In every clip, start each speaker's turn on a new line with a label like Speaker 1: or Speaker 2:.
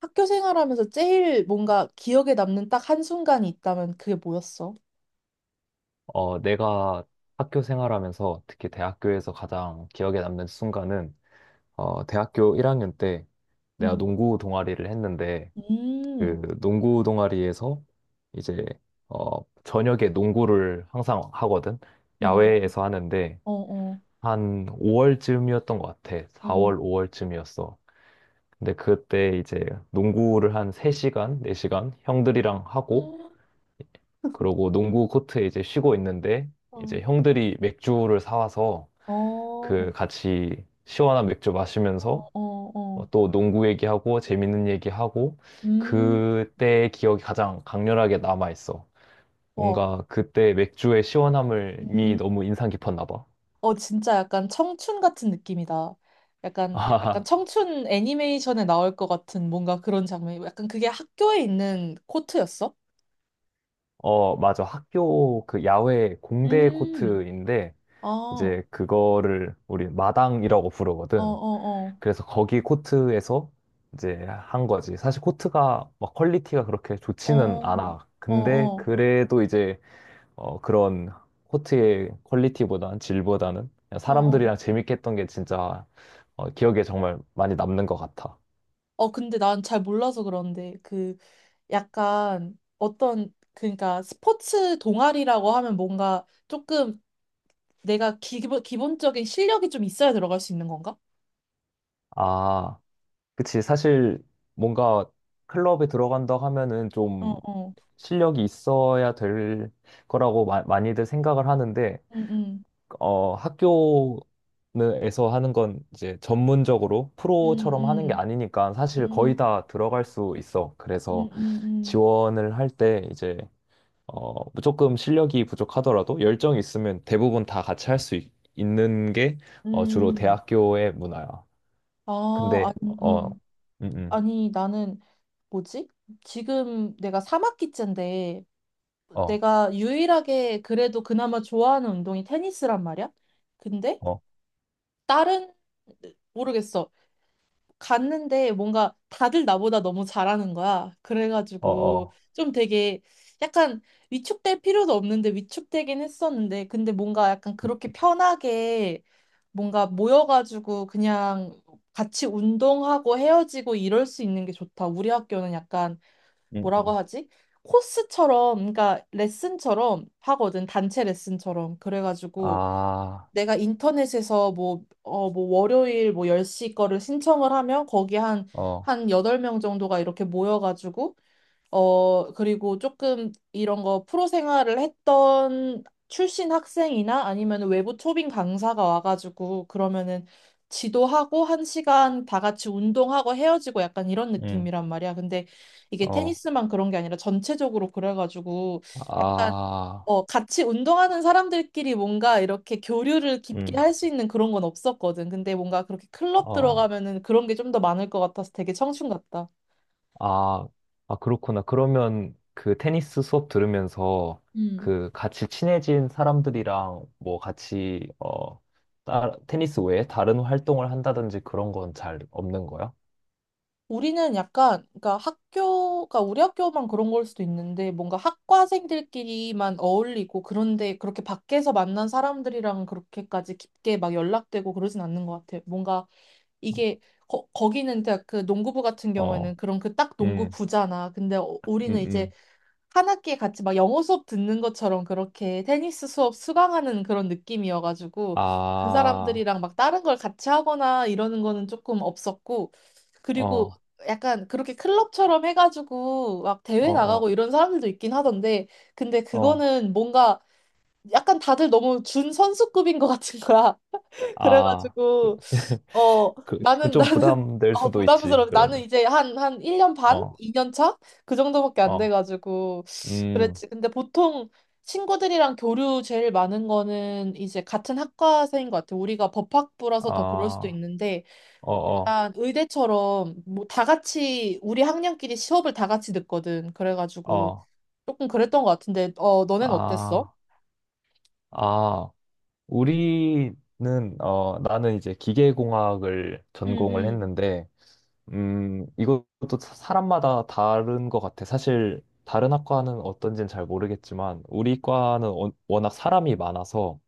Speaker 1: 학교 생활하면서 제일 뭔가 기억에 남는 딱 한순간이 있다면 그게 뭐였어?
Speaker 2: 내가 학교 생활하면서 특히 대학교에서 가장 기억에 남는 순간은 대학교 1학년 때 내가
Speaker 1: 음.
Speaker 2: 농구 동아리를 했는데
Speaker 1: 음.
Speaker 2: 그 농구 동아리에서 이제 저녁에 농구를 항상 하거든.
Speaker 1: 어,
Speaker 2: 야외에서 하는데
Speaker 1: 어, 어,
Speaker 2: 한 5월쯤이었던 것 같아.
Speaker 1: 어. 음.
Speaker 2: 4월, 5월쯤이었어. 근데 그때 이제 농구를 한 3시간, 4시간 형들이랑 하고 그러고 농구 코트에 이제 쉬고 있는데
Speaker 1: 어,
Speaker 2: 이제 형들이 맥주를 사와서
Speaker 1: 어,
Speaker 2: 그 같이 시원한 맥주
Speaker 1: 어,
Speaker 2: 마시면서
Speaker 1: 어. 어.
Speaker 2: 또 농구 얘기하고 재밌는 얘기하고
Speaker 1: 음.
Speaker 2: 그때의 기억이 가장 강렬하게 남아 있어.
Speaker 1: 와.
Speaker 2: 뭔가 그때 맥주의 시원함이
Speaker 1: 음.
Speaker 2: 너무 인상 깊었나 봐.
Speaker 1: 어, 진짜 약간 청춘 같은 느낌이다. 약간 약간
Speaker 2: 아,
Speaker 1: 청춘 애니메이션에 나올 것 같은 뭔가 그런 장면이고 약간 그게 학교에 있는 코트였어?
Speaker 2: 맞아. 학교 그 야외 공대
Speaker 1: 음.
Speaker 2: 코트인데
Speaker 1: 아. 어,
Speaker 2: 이제 그거를 우리 마당이라고
Speaker 1: 어,
Speaker 2: 부르거든.
Speaker 1: 어.
Speaker 2: 그래서 거기 코트에서 이제 한 거지. 사실 코트가 막 퀄리티가 그렇게 좋지는
Speaker 1: 어.
Speaker 2: 않아.
Speaker 1: 어,
Speaker 2: 근데
Speaker 1: 어,
Speaker 2: 그래도 이제 그런 코트의 퀄리티보단 질보다는 그냥
Speaker 1: 어, 어.
Speaker 2: 사람들이랑 재밌게 했던 게 진짜 기억에 정말 많이 남는 것 같아.
Speaker 1: 어, 근데 난 잘 몰라서 그런데, 그, 약간, 어떤, 그러니까, 스포츠 동아리라고 하면 뭔가 조금 내가 기본적인 실력이 좀 있어야 들어갈 수 있는 건가?
Speaker 2: 아, 그치. 사실 뭔가 클럽에 들어간다 하면은
Speaker 1: 어,
Speaker 2: 좀
Speaker 1: 어.
Speaker 2: 실력이 있어야 될 거라고 많이들 생각을 하는데
Speaker 1: 음, 음,
Speaker 2: 학교에서 하는 건 이제 전문적으로
Speaker 1: 음,
Speaker 2: 프로처럼 하는 게
Speaker 1: 음,
Speaker 2: 아니니까 사실 거의
Speaker 1: 음,
Speaker 2: 다 들어갈 수 있어.
Speaker 1: 음,
Speaker 2: 그래서
Speaker 1: 음, 음.
Speaker 2: 지원을 할 때 이제 어, 조금 실력이 부족하더라도 열정이 있으면 대부분 다 같이 할 수 있는 게 주로
Speaker 1: 음.
Speaker 2: 대학교의 문화야.
Speaker 1: 아,
Speaker 2: 근데
Speaker 1: 아니,
Speaker 2: 어,
Speaker 1: 음.
Speaker 2: 음, 음,
Speaker 1: 아니, 나는, 뭐지? 지금 내가 3학기째인데,
Speaker 2: 어,
Speaker 1: 내가 유일하게 그래도 그나마 좋아하는 운동이 테니스란 말이야? 근데,
Speaker 2: 어,
Speaker 1: 다른 모르겠어. 갔는데 뭔가 다들 나보다 너무 잘하는 거야.
Speaker 2: 어,
Speaker 1: 그래가지고
Speaker 2: 어,
Speaker 1: 좀 되게 약간 위축될 필요도 없는데 위축되긴 했었는데 근데 뭔가 약간
Speaker 2: 음,
Speaker 1: 그렇게 편하게 뭔가 모여가지고 그냥 같이 운동하고 헤어지고 이럴 수 있는 게 좋다. 우리 학교는 약간
Speaker 2: 음,
Speaker 1: 뭐라고
Speaker 2: 음.
Speaker 1: 하지? 코스처럼, 그러니까 레슨처럼 하거든. 단체 레슨처럼. 그래가지고
Speaker 2: 아,
Speaker 1: 내가 인터넷에서 뭐, 어, 뭐 월요일 뭐 10시 거를 신청을 하면 거기 한,
Speaker 2: 어,
Speaker 1: 한 8명 정도가 이렇게 모여가지고, 어, 그리고 조금 이런 거 프로 생활을 했던 출신 학생이나 아니면 외부 초빙 강사가 와가지고 그러면은 지도하고 한 시간 다 같이 운동하고 헤어지고 약간 이런
Speaker 2: 음,
Speaker 1: 느낌이란 말이야. 근데 이게
Speaker 2: 어,
Speaker 1: 테니스만 그런 게 아니라 전체적으로 그래가지고
Speaker 2: 아,
Speaker 1: 어, 같이 운동하는 사람들끼리 뭔가 이렇게 교류를 깊게
Speaker 2: 음,
Speaker 1: 할 수 있는 그런 건 없었거든. 근데 뭔가 그렇게 클럽
Speaker 2: 어.
Speaker 1: 들어가면은 그런 게 좀 더 많을 것 같아서 되게 청춘 같다.
Speaker 2: 아, 아, 그렇구나. 그러면 그 테니스 수업 들으면서
Speaker 1: 음.
Speaker 2: 그 같이 친해진 사람들이랑 뭐 같이, 테니스 외에 다른 활동을 한다든지 그런 건 잘 없는 거야?
Speaker 1: 우리는 약간, 그러니까 학교가 우리 학교만 그런 걸 수도 있는데 뭔가 학과생들끼리만 어울리고 그런데 그렇게 밖에서 만난 사람들이랑 그렇게까지 깊게 막 연락되고 그러진 않는 것 같아. 뭔가 이게 거기는 그냥 그 농구부 같은
Speaker 2: 어,
Speaker 1: 경우에는 그런 그 딱
Speaker 2: 음,
Speaker 1: 농구부잖아. 근데 어- 우리는
Speaker 2: 음,
Speaker 1: 이제
Speaker 2: 음.
Speaker 1: 한 학기에 같이 막 영어 수업 듣는 것처럼 그렇게 테니스 수업 수강하는 그런 느낌이어가지고 그
Speaker 2: 아,
Speaker 1: 사람들이랑 막 다른 걸 같이 하거나 이러는 거는 조금 없었고 그리고
Speaker 2: 어,
Speaker 1: 약간 그렇게 클럽처럼 해가지고 막
Speaker 2: 어,
Speaker 1: 대회 나가고
Speaker 2: 어,
Speaker 1: 이런 사람들도 있긴 하던데 근데
Speaker 2: 어.
Speaker 1: 그거는 뭔가 약간 다들 너무 준 선수급인 것 같은 거야.
Speaker 2: 아,
Speaker 1: 그래가지고 어,
Speaker 2: 지금
Speaker 1: 나는,
Speaker 2: 좀
Speaker 1: 나는,
Speaker 2: 부담될
Speaker 1: 어,
Speaker 2: 수도 있지,
Speaker 1: 부담스러워. 나는
Speaker 2: 그러면.
Speaker 1: 이제 한 1년 반?
Speaker 2: 어,
Speaker 1: 2년 차? 그 정도밖에 안
Speaker 2: 어,
Speaker 1: 돼가지고.
Speaker 2: 음,
Speaker 1: 그랬지. 근데 보통 친구들이랑 교류 제일 많은 거는 이제 같은 학과생인 것 같아. 우리가 법학부라서 더 그럴 수도
Speaker 2: 아,
Speaker 1: 있는데,
Speaker 2: 어, 어,
Speaker 1: 약간 의대처럼 뭐 다 같이, 우리 학년끼리 수업을 다 같이 듣거든. 그래가지고
Speaker 2: 어,
Speaker 1: 조금 그랬던 것 같은데, 어, 너넨 어땠어?
Speaker 2: 아, 아. 우리는 나는 이제 기계공학을
Speaker 1: 응,
Speaker 2: 전공을
Speaker 1: 응.
Speaker 2: 했는데 이것도 사람마다 다른 것 같아. 사실 다른 학과는 어떤지는 잘 모르겠지만 우리 과는 워낙 사람이 많아서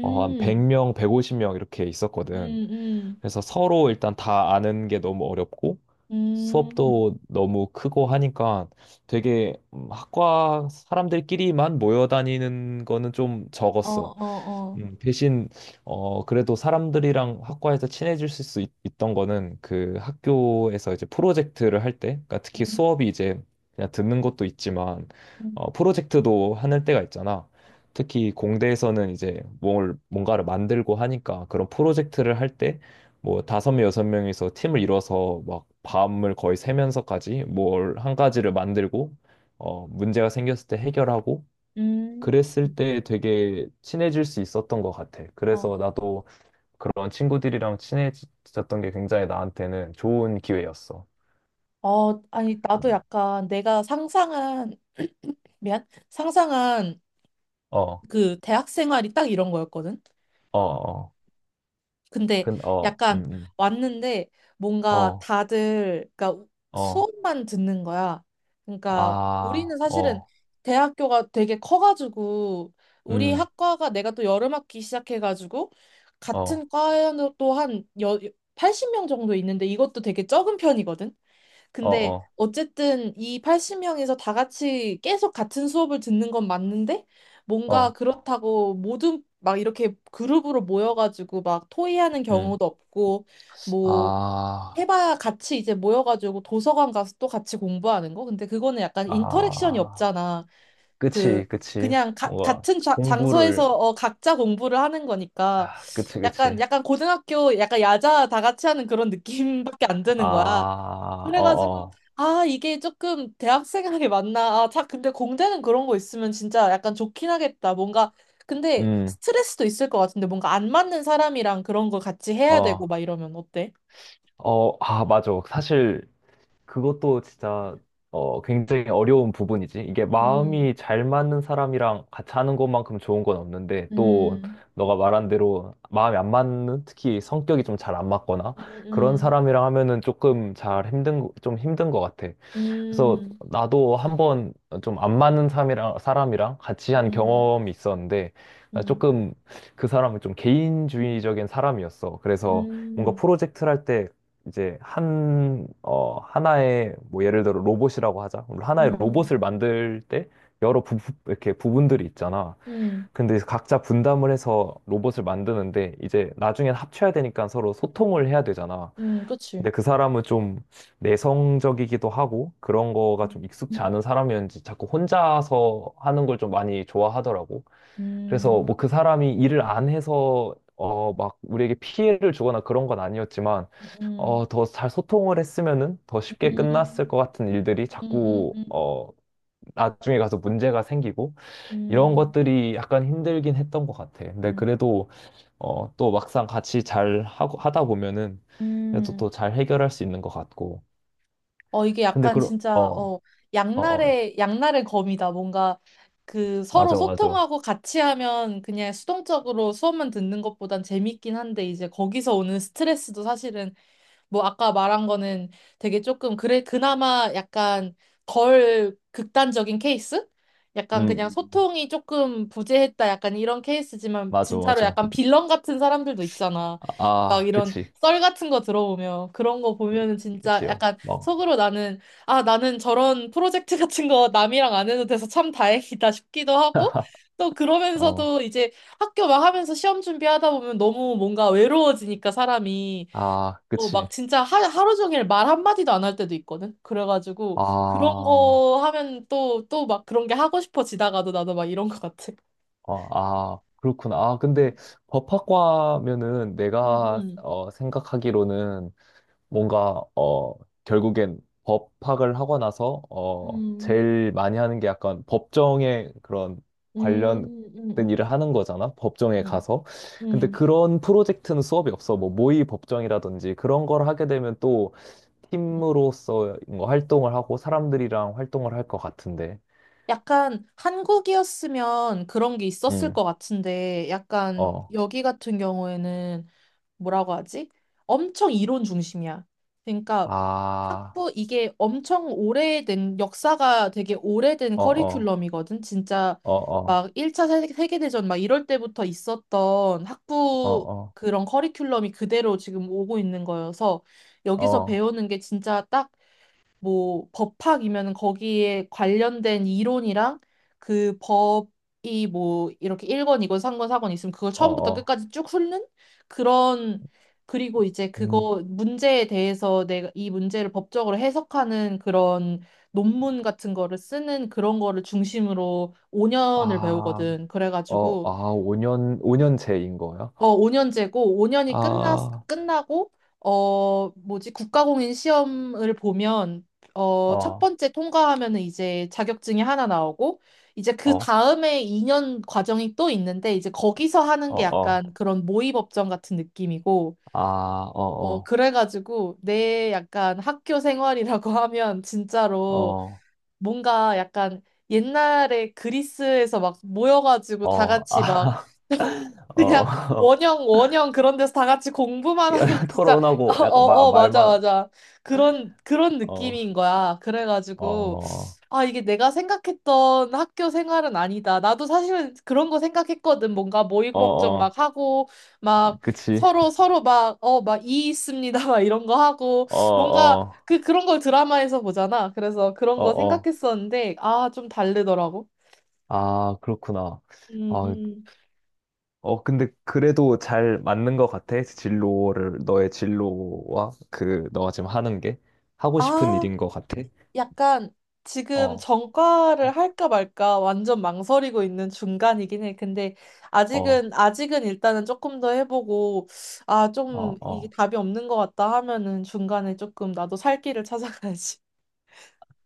Speaker 2: 한 100명, 150명 이렇게 있었거든.
Speaker 1: 음, 음,
Speaker 2: 그래서 서로 일단 다 아는 게 너무 어렵고
Speaker 1: 음.
Speaker 2: 수업도 너무 크고 하니까 되게 학과 사람들끼리만 모여 다니는 거는 좀
Speaker 1: 어,
Speaker 2: 적었어.
Speaker 1: 어,
Speaker 2: 대신 그래도 사람들이랑 학과에서 친해질 수 있 던 거는 그 학교에서 이제 프로젝트를 할 때, 그러니까
Speaker 1: 어.
Speaker 2: 특히 수업이 이제 그냥 듣는 것도 있지만
Speaker 1: 음,
Speaker 2: 프로젝트도 하는 때가 있잖아. 특히 공대에서는 이제 뭘 뭔가를 만들고 하니까 그런 프로젝트를 할 때 뭐 다섯 명 여섯 명이서 팀을 이뤄서 막 밤을 거의 새면서까지 뭘 한 가지를 만들고 문제가 생겼을 때 해결하고
Speaker 1: 음.
Speaker 2: 그랬을 때 되게 친해질 수 있었던 것 같아.
Speaker 1: 어,
Speaker 2: 그래서 나도 그런 친구들이랑 친해졌던 게 굉장히 나한테는 좋은 기회였어.
Speaker 1: 어, 아니, 나도
Speaker 2: 음.
Speaker 1: 약간 내가 상상한
Speaker 2: 어,
Speaker 1: 그 대학 생활이 딱 이런 거였거든?
Speaker 2: 어, 어,
Speaker 1: 근데
Speaker 2: 어,
Speaker 1: 약간 왔는데 뭔가
Speaker 2: 어,
Speaker 1: 다들, 그러니까
Speaker 2: 어,
Speaker 1: 수업만 듣는 거야. 그러니까 우리는
Speaker 2: 아,
Speaker 1: 사실은
Speaker 2: 어,
Speaker 1: 대학교가 되게 커가지고 우리
Speaker 2: 음,
Speaker 1: 학과가 내가 또 여름학기 시작해가지고
Speaker 2: 어,
Speaker 1: 같은 과에도 80명 정도 있는데 이것도 되게 적은 편이거든?
Speaker 2: 어,
Speaker 1: 근데
Speaker 2: 어,
Speaker 1: 어쨌든 이 80명에서 다 같이 계속 같은 수업을 듣는 건 맞는데 뭔가
Speaker 2: 어,
Speaker 1: 그렇다고 모든 막 이렇게 그룹으로 모여가지고 막 토의하는
Speaker 2: 음,
Speaker 1: 경우도 없고 뭐
Speaker 2: 아,
Speaker 1: 해봐야 같이 이제 모여가지고 도서관 가서 또 같이 공부하는 거? 근데 그거는 약간 인터랙션이
Speaker 2: 아,
Speaker 1: 없잖아. 그
Speaker 2: 그치, 그치.
Speaker 1: 그냥
Speaker 2: 뭔가
Speaker 1: 같은
Speaker 2: 공부를,
Speaker 1: 장소에서 어, 각자 공부를 하는 거니까
Speaker 2: 아, 그치, 그치.
Speaker 1: 약간 약간 고등학교 약간 야자 다 같이 하는 그런 느낌밖에 안 드는 거야.
Speaker 2: 아, 어,
Speaker 1: 그래가지고
Speaker 2: 어,
Speaker 1: 아 이게 조금 대학생에게 맞나 아 자, 근데 공대는 그런 거 있으면 진짜 약간 좋긴 하겠다 뭔가 근데
Speaker 2: 음,
Speaker 1: 스트레스도 있을 것 같은데 뭔가 안 맞는 사람이랑 그런 거 같이 해야 되고
Speaker 2: 어.
Speaker 1: 막 이러면 어때?
Speaker 2: 맞아. 사실 그것도 진짜 굉장히 어려운 부분이지. 이게
Speaker 1: 음.
Speaker 2: 마음이 잘 맞는 사람이랑 같이 하는 것만큼 좋은 건 없는데 또
Speaker 1: 음,
Speaker 2: 너가 말한 대로 마음이 안 맞는 특히 성격이 좀 잘 안 맞거나
Speaker 1: 음,
Speaker 2: 그런
Speaker 1: 음,
Speaker 2: 사람이랑 하면은 조금 잘 힘든 거- 좀 힘든 것 같아. 그래서
Speaker 1: 음,
Speaker 2: 나도 한번 좀 안 맞는 사람이랑 같이 한
Speaker 1: 음,
Speaker 2: 경험이 있었는데, 나
Speaker 1: 음,
Speaker 2: 조금 그 사람은 좀 개인주의적인 사람이었어. 그래서 뭔가
Speaker 1: 음,
Speaker 2: 프로젝트를 할 때 이제 하나의, 뭐 예를 들어 로봇이라고 하자. 그럼 하나의
Speaker 1: 음,
Speaker 2: 로봇을 만들 때 여러 이렇게 부분들이 있잖아.
Speaker 1: 음,
Speaker 2: 근데 각자 분담을 해서 로봇을 만드는데 이제 나중엔 합쳐야 되니까 서로 소통을 해야 되잖아.
Speaker 1: 그치.
Speaker 2: 근데 그 사람은 좀 내성적이기도 하고 그런 거가 좀
Speaker 1: 음,
Speaker 2: 익숙치 않은 사람이었는지 자꾸 혼자서 하는 걸 좀 많이 좋아하더라고. 그래서
Speaker 1: 음,
Speaker 2: 뭐 그 사람이 일을 안 해서 막 우리에게 피해를 주거나 그런 건 아니었지만
Speaker 1: 음,
Speaker 2: 더 잘 소통을 했으면은 더 쉽게 끝났을
Speaker 1: 음,
Speaker 2: 것 같은 일들이
Speaker 1: 음,
Speaker 2: 자꾸
Speaker 1: 음,
Speaker 2: 나중에 가서 문제가 생기고 이런
Speaker 1: 음,
Speaker 2: 것들이 약간 힘들긴 했던 것 같아. 근데
Speaker 1: 음,
Speaker 2: 그래도 또 막상 같이 잘 하고 하다 보면은 그래도
Speaker 1: 음.
Speaker 2: 또 잘 해결할 수 있는 것 같고.
Speaker 1: 어, 이게
Speaker 2: 근데
Speaker 1: 약간
Speaker 2: 그런
Speaker 1: 진짜,
Speaker 2: 어어어
Speaker 1: 어, 양날의 검이다. 뭔가 그 서로
Speaker 2: 맞아 맞아
Speaker 1: 소통하고 같이 하면 그냥 수동적으로 수업만 듣는 것보단 재밌긴 한데 이제 거기서 오는 스트레스도 사실은 뭐 아까 말한 거는 되게 조금 그래, 그나마 약간 덜 극단적인 케이스? 약간 그냥
Speaker 2: 음 음.
Speaker 1: 소통이 조금 부재했다. 약간 이런 케이스지만
Speaker 2: 맞아
Speaker 1: 진짜로
Speaker 2: 맞아
Speaker 1: 약간 빌런 같은 사람들도 있잖아.
Speaker 2: 아,
Speaker 1: 막
Speaker 2: 아,
Speaker 1: 이런
Speaker 2: 그치
Speaker 1: 썰 같은 거 들어보면 그런 거 보면은 진짜
Speaker 2: 그치요
Speaker 1: 약간 속으로 나는 아 나는 저런 프로젝트 같은 거 남이랑 안 해도 돼서 참 다행이다 싶기도 하고 또 그러면서도 이제 학교 막 하면서 시험 준비하다 보면 너무 뭔가 외로워지니까 사람이
Speaker 2: 막어아
Speaker 1: 어,
Speaker 2: 그치
Speaker 1: 막 진짜 하루 종일 말 한마디도 안 할 때도 있거든.
Speaker 2: 아,
Speaker 1: 그래가지고 그런
Speaker 2: 어,
Speaker 1: 거 하면 또 또 막 그런 게 하고 싶어지다가도 나도 막 이런 것 같아.
Speaker 2: 아, 그렇구나. 아, 근데 법학과면은
Speaker 1: 음,
Speaker 2: 내가
Speaker 1: 음,
Speaker 2: 생각하기로는 뭔가 결국엔 법 파악을 하고 나서
Speaker 1: 음,
Speaker 2: 제일 많이 하는 게 약간 법정에 그런
Speaker 1: 음,
Speaker 2: 관련된
Speaker 1: 음,
Speaker 2: 일을 하는 거잖아. 법정에
Speaker 1: 음,
Speaker 2: 가서. 근데
Speaker 1: 음,
Speaker 2: 그런 프로젝트는 수업이 없어. 뭐 모의 법정이라든지 그런 걸 하게 되면 또
Speaker 1: 음.
Speaker 2: 팀으로서 뭔가 활동을 하고 사람들이랑 활동을 할 것 같은데.
Speaker 1: 약간 한국이었으면 그런 게 있었을
Speaker 2: 음.
Speaker 1: 것 같은데, 약간
Speaker 2: 어.
Speaker 1: 여기 같은 경우에는 뭐라고 하지? 엄청 이론 중심이야. 그러니까
Speaker 2: 아.
Speaker 1: 학부 이게 엄청 오래된 역사가 되게 오래된
Speaker 2: 어 어.
Speaker 1: 커리큘럼이거든. 진짜
Speaker 2: 어 어.
Speaker 1: 막 1차 세계대전 막 이럴 때부터 있었던
Speaker 2: 어
Speaker 1: 학부
Speaker 2: 어.
Speaker 1: 그런 커리큘럼이 그대로 지금 오고 있는 거여서
Speaker 2: 어
Speaker 1: 여기서
Speaker 2: 어.
Speaker 1: 배우는 게 진짜 딱 뭐 법학이면 거기에 관련된 이론이랑 그 법이 뭐 이렇게 1권, 2권, 3권, 4권 있으면 그걸
Speaker 2: 어
Speaker 1: 처음부터
Speaker 2: 어.
Speaker 1: 끝까지 쭉 훑는 그런 그리고 이제
Speaker 2: 음.
Speaker 1: 그거 문제에 대해서 내가 이 문제를 법적으로 해석하는 그런 논문 같은 거를 쓰는 그런 거를 중심으로 5년을
Speaker 2: 아.
Speaker 1: 배우거든. 그래가지고
Speaker 2: 5년, 5년제인 거예요?
Speaker 1: 어, 5년제고, 5년이
Speaker 2: 아,
Speaker 1: 끝나고, 어, 뭐지, 국가공인 시험을 보면, 어, 첫
Speaker 2: 어,
Speaker 1: 번째 통과하면은 이제 자격증이 하나 나오고, 이제 그
Speaker 2: 어,
Speaker 1: 다음에 2년 과정이 또 있는데, 이제 거기서 하는
Speaker 2: 어,
Speaker 1: 게
Speaker 2: 어,
Speaker 1: 약간 그런 모의법정 같은 느낌이고,
Speaker 2: 아,
Speaker 1: 어,
Speaker 2: 어,
Speaker 1: 그래가지고, 내 약간 학교 생활이라고 하면,
Speaker 2: 어,
Speaker 1: 진짜로
Speaker 2: 어,
Speaker 1: 뭔가 약간 옛날에 그리스에서 막 모여가지고 다
Speaker 2: 어,
Speaker 1: 같이 막,
Speaker 2: 아, 어,
Speaker 1: 그냥
Speaker 2: 어.
Speaker 1: 원형 원형 그런 데서 다 같이 공부만 하는 게 진짜.
Speaker 2: 토론하고
Speaker 1: 어,
Speaker 2: 약간
Speaker 1: 어, 어, 맞아,
Speaker 2: 말만,
Speaker 1: 맞아. 그런 그런
Speaker 2: 어,
Speaker 1: 느낌인 거야. 그래가지고
Speaker 2: 어,
Speaker 1: 아 이게 내가 생각했던 학교 생활은 아니다. 나도 사실은 그런 거 생각했거든. 뭔가 모의고
Speaker 2: 어,
Speaker 1: 법정
Speaker 2: 어,
Speaker 1: 막 하고 막
Speaker 2: 그치,
Speaker 1: 서로 서로 막 어 막 이 있습니다, 막 이런 거 하고
Speaker 2: 어,
Speaker 1: 뭔가
Speaker 2: 어,
Speaker 1: 그 그런 걸 드라마에서 보잖아. 그래서 그런
Speaker 2: 어,
Speaker 1: 거
Speaker 2: 어,
Speaker 1: 생각했었는데 아 좀 다르더라고.
Speaker 2: 아, 그렇구나.
Speaker 1: 음.
Speaker 2: 아,
Speaker 1: 음.
Speaker 2: 근데 그래도 잘 맞는 것 같아. 너의 진로와 너가 지금 하는 게 하고 싶은
Speaker 1: 아
Speaker 2: 일인 것 같아.
Speaker 1: 약간 지금
Speaker 2: 어,
Speaker 1: 전과를 할까 말까 완전 망설이고 있는 중간이긴 해. 근데
Speaker 2: 어,
Speaker 1: 아직은 일단은 조금 더 해보고, 아,
Speaker 2: 어,
Speaker 1: 좀 이게
Speaker 2: 어.
Speaker 1: 답이 없는 것 같다 하면은 중간에 조금 나도 살 길을 찾아가야지.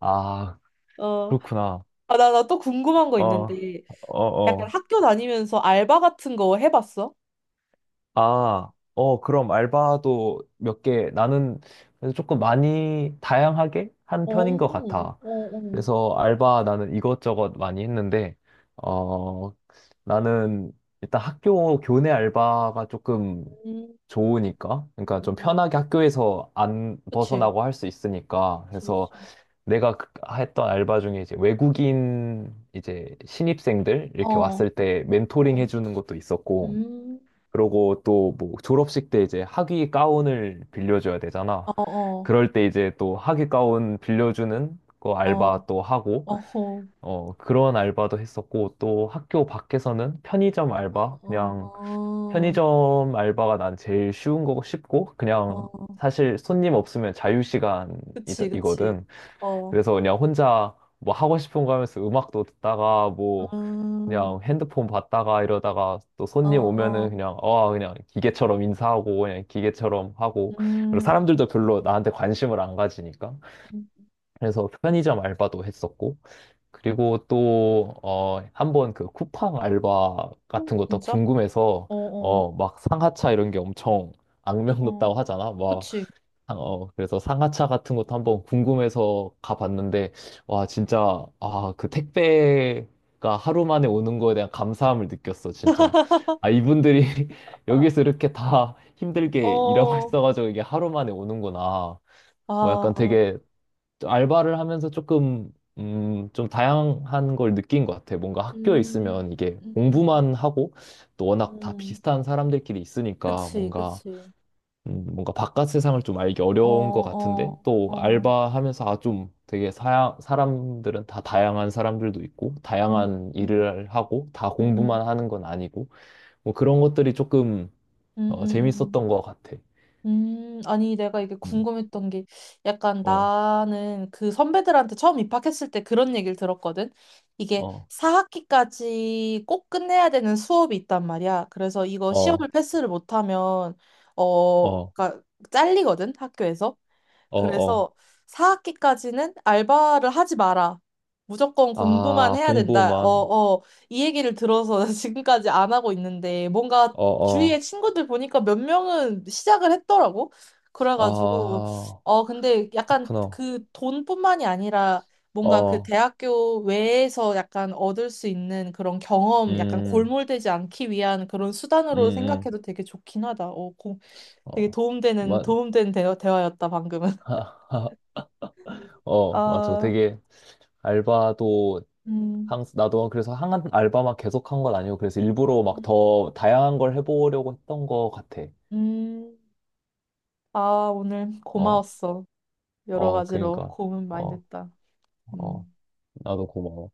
Speaker 2: 아,
Speaker 1: 어,
Speaker 2: 그렇구나.
Speaker 1: 아, 나 또 궁금한 거
Speaker 2: 어,
Speaker 1: 있는데,
Speaker 2: 어,
Speaker 1: 약간
Speaker 2: 어.
Speaker 1: 학교 다니면서 알바 같은 거 해봤어?
Speaker 2: 아, 어, 그럼 알바도 몇 개, 나는 그래 조금 많이 다양하게 한
Speaker 1: 어,
Speaker 2: 편인 것
Speaker 1: 어,
Speaker 2: 같아.
Speaker 1: 어.
Speaker 2: 그래서 알바 나는 이것저것 많이 했는데, 어, 나는 일단 학교 교내 알바가 조금
Speaker 1: 음,
Speaker 2: 좋으니까, 그러니까 좀
Speaker 1: 음.
Speaker 2: 편하게 학교에서 안
Speaker 1: 그치.
Speaker 2: 벗어나고 할 수 있으니까,
Speaker 1: 그치,
Speaker 2: 그래서
Speaker 1: 그치.
Speaker 2: 내가 했던 알바 중에 이제 외국인 이제 신입생들
Speaker 1: 어,
Speaker 2: 이렇게
Speaker 1: 어,
Speaker 2: 왔을 때 멘토링 해주는 것도 있었고,
Speaker 1: 음,
Speaker 2: 그러고 또 뭐 졸업식 때 이제 학위 가운을 빌려줘야 되잖아.
Speaker 1: 어, 어,
Speaker 2: 그럴 때 이제 또 학위 가운 빌려주는 거
Speaker 1: 어,
Speaker 2: 알바 또 하고,
Speaker 1: 어.
Speaker 2: 그런 알바도 했었고, 또 학교 밖에서는 편의점
Speaker 1: 어,
Speaker 2: 알바, 그냥
Speaker 1: 어,
Speaker 2: 편의점 알바가 난 제일 쉬운 거고 쉽고,
Speaker 1: 어,
Speaker 2: 그냥
Speaker 1: 어,
Speaker 2: 사실 손님 없으면
Speaker 1: 그치, 그치.
Speaker 2: 자유시간이거든.
Speaker 1: 어,
Speaker 2: 그래서 그냥 혼자 뭐 하고 싶은 거 하면서 음악도 듣다가 뭐
Speaker 1: 음,
Speaker 2: 그냥 핸드폰 봤다가 이러다가 또
Speaker 1: 어,
Speaker 2: 손님 오면은
Speaker 1: 어,
Speaker 2: 그냥 그냥 기계처럼 인사하고 그냥 기계처럼 하고 그리고
Speaker 1: 음,
Speaker 2: 사람들도 별로 나한테 관심을 안 가지니까
Speaker 1: 음,
Speaker 2: 그래서 편의점 알바도 했었고 그리고 또 한번 그 쿠팡 알바 같은 것도
Speaker 1: 진짜?
Speaker 2: 궁금해서
Speaker 1: 어, 어,
Speaker 2: 막 상하차 이런 게 엄청 악명
Speaker 1: 어,
Speaker 2: 높다고 하잖아
Speaker 1: 그치.
Speaker 2: 그래서 상하차 같은 것도 한번 궁금해서 가봤는데, 와, 진짜, 아, 그 택배가 하루 만에 오는 거에 대한 감사함을 느꼈어, 진짜. 아, 이분들이 여기서 이렇게 다 힘들게 일하고
Speaker 1: 어,
Speaker 2: 있어가지고 이게 하루 만에 오는구나. 뭐 약간
Speaker 1: 아,
Speaker 2: 되게 알바를 하면서 좀 다양한 걸 느낀 것 같아. 뭔가 학교에
Speaker 1: 음,
Speaker 2: 있으면 이게
Speaker 1: 음, 음,
Speaker 2: 공부만 하고, 또 워낙 다
Speaker 1: 음,
Speaker 2: 비슷한 사람들끼리 있으니까
Speaker 1: 그치, 그치.
Speaker 2: 뭔가 바깥 세상을 좀 알기
Speaker 1: 어,
Speaker 2: 어려운 것 같은데
Speaker 1: 어,
Speaker 2: 또
Speaker 1: 어,
Speaker 2: 알바하면서 아 좀 되게 사람들은 다 다양한 사람들도 있고
Speaker 1: 음,
Speaker 2: 다양한
Speaker 1: 음,
Speaker 2: 일을 하고 다
Speaker 1: 음,
Speaker 2: 공부만 하는 건 아니고 뭐 그런 것들이 조금
Speaker 1: 음, 음.
Speaker 2: 재밌었던 것 같아.
Speaker 1: 아니, 내가 이게
Speaker 2: 음,
Speaker 1: 궁금했던 게 약간
Speaker 2: 어,
Speaker 1: 나는 그 선배들한테 처음 입학했을 때 그런 얘기를 들었거든. 이게
Speaker 2: 어,
Speaker 1: 4학기까지 꼭 끝내야 되는 수업이 있단 말이야. 그래서 이거 시험을
Speaker 2: 어,
Speaker 1: 패스를 못하면, 어,
Speaker 2: 어,
Speaker 1: 그러니까 잘리거든, 학교에서.
Speaker 2: 어, 어.
Speaker 1: 그래서 4학기까지는 알바를 하지 마라. 무조건 공부만
Speaker 2: 아,
Speaker 1: 해야 된다. 어,
Speaker 2: 공부만.
Speaker 1: 어, 이 얘기를 들어서 지금까지 안 하고 있는데 뭔가
Speaker 2: 어,
Speaker 1: 주위에
Speaker 2: 어.
Speaker 1: 친구들 보니까 몇 명은 시작을 했더라고. 그래가지고,
Speaker 2: 아,
Speaker 1: 어, 근데 약간
Speaker 2: 그렇구나.
Speaker 1: 그 돈뿐만이 아니라 뭔가 그
Speaker 2: 어,
Speaker 1: 대학교 외에서 약간 얻을 수 있는 그런 경험, 약간
Speaker 2: 음,
Speaker 1: 골몰되지 않기 위한 그런
Speaker 2: 음,
Speaker 1: 수단으로
Speaker 2: 음.
Speaker 1: 생각해도 되게 좋긴 하다. 어, 고, 되게
Speaker 2: 어, 만,
Speaker 1: 도움된 대화였다, 방금은.
Speaker 2: 어, 맞아.
Speaker 1: 아,
Speaker 2: 되게 알바도
Speaker 1: 음,
Speaker 2: 항 나도 그래서 한 알바 막 계속 한 건 아니고 그래서 일부러 막
Speaker 1: 음,
Speaker 2: 더 다양한 걸 해보려고 했던 거 같아.
Speaker 1: 음. 아, 오늘
Speaker 2: 어,
Speaker 1: 고마웠어. 여러
Speaker 2: 어,
Speaker 1: 가지로
Speaker 2: 그러니까.
Speaker 1: 고민 많이
Speaker 2: 어,
Speaker 1: 됐다.
Speaker 2: 어,
Speaker 1: 음.
Speaker 2: 나도 고마워.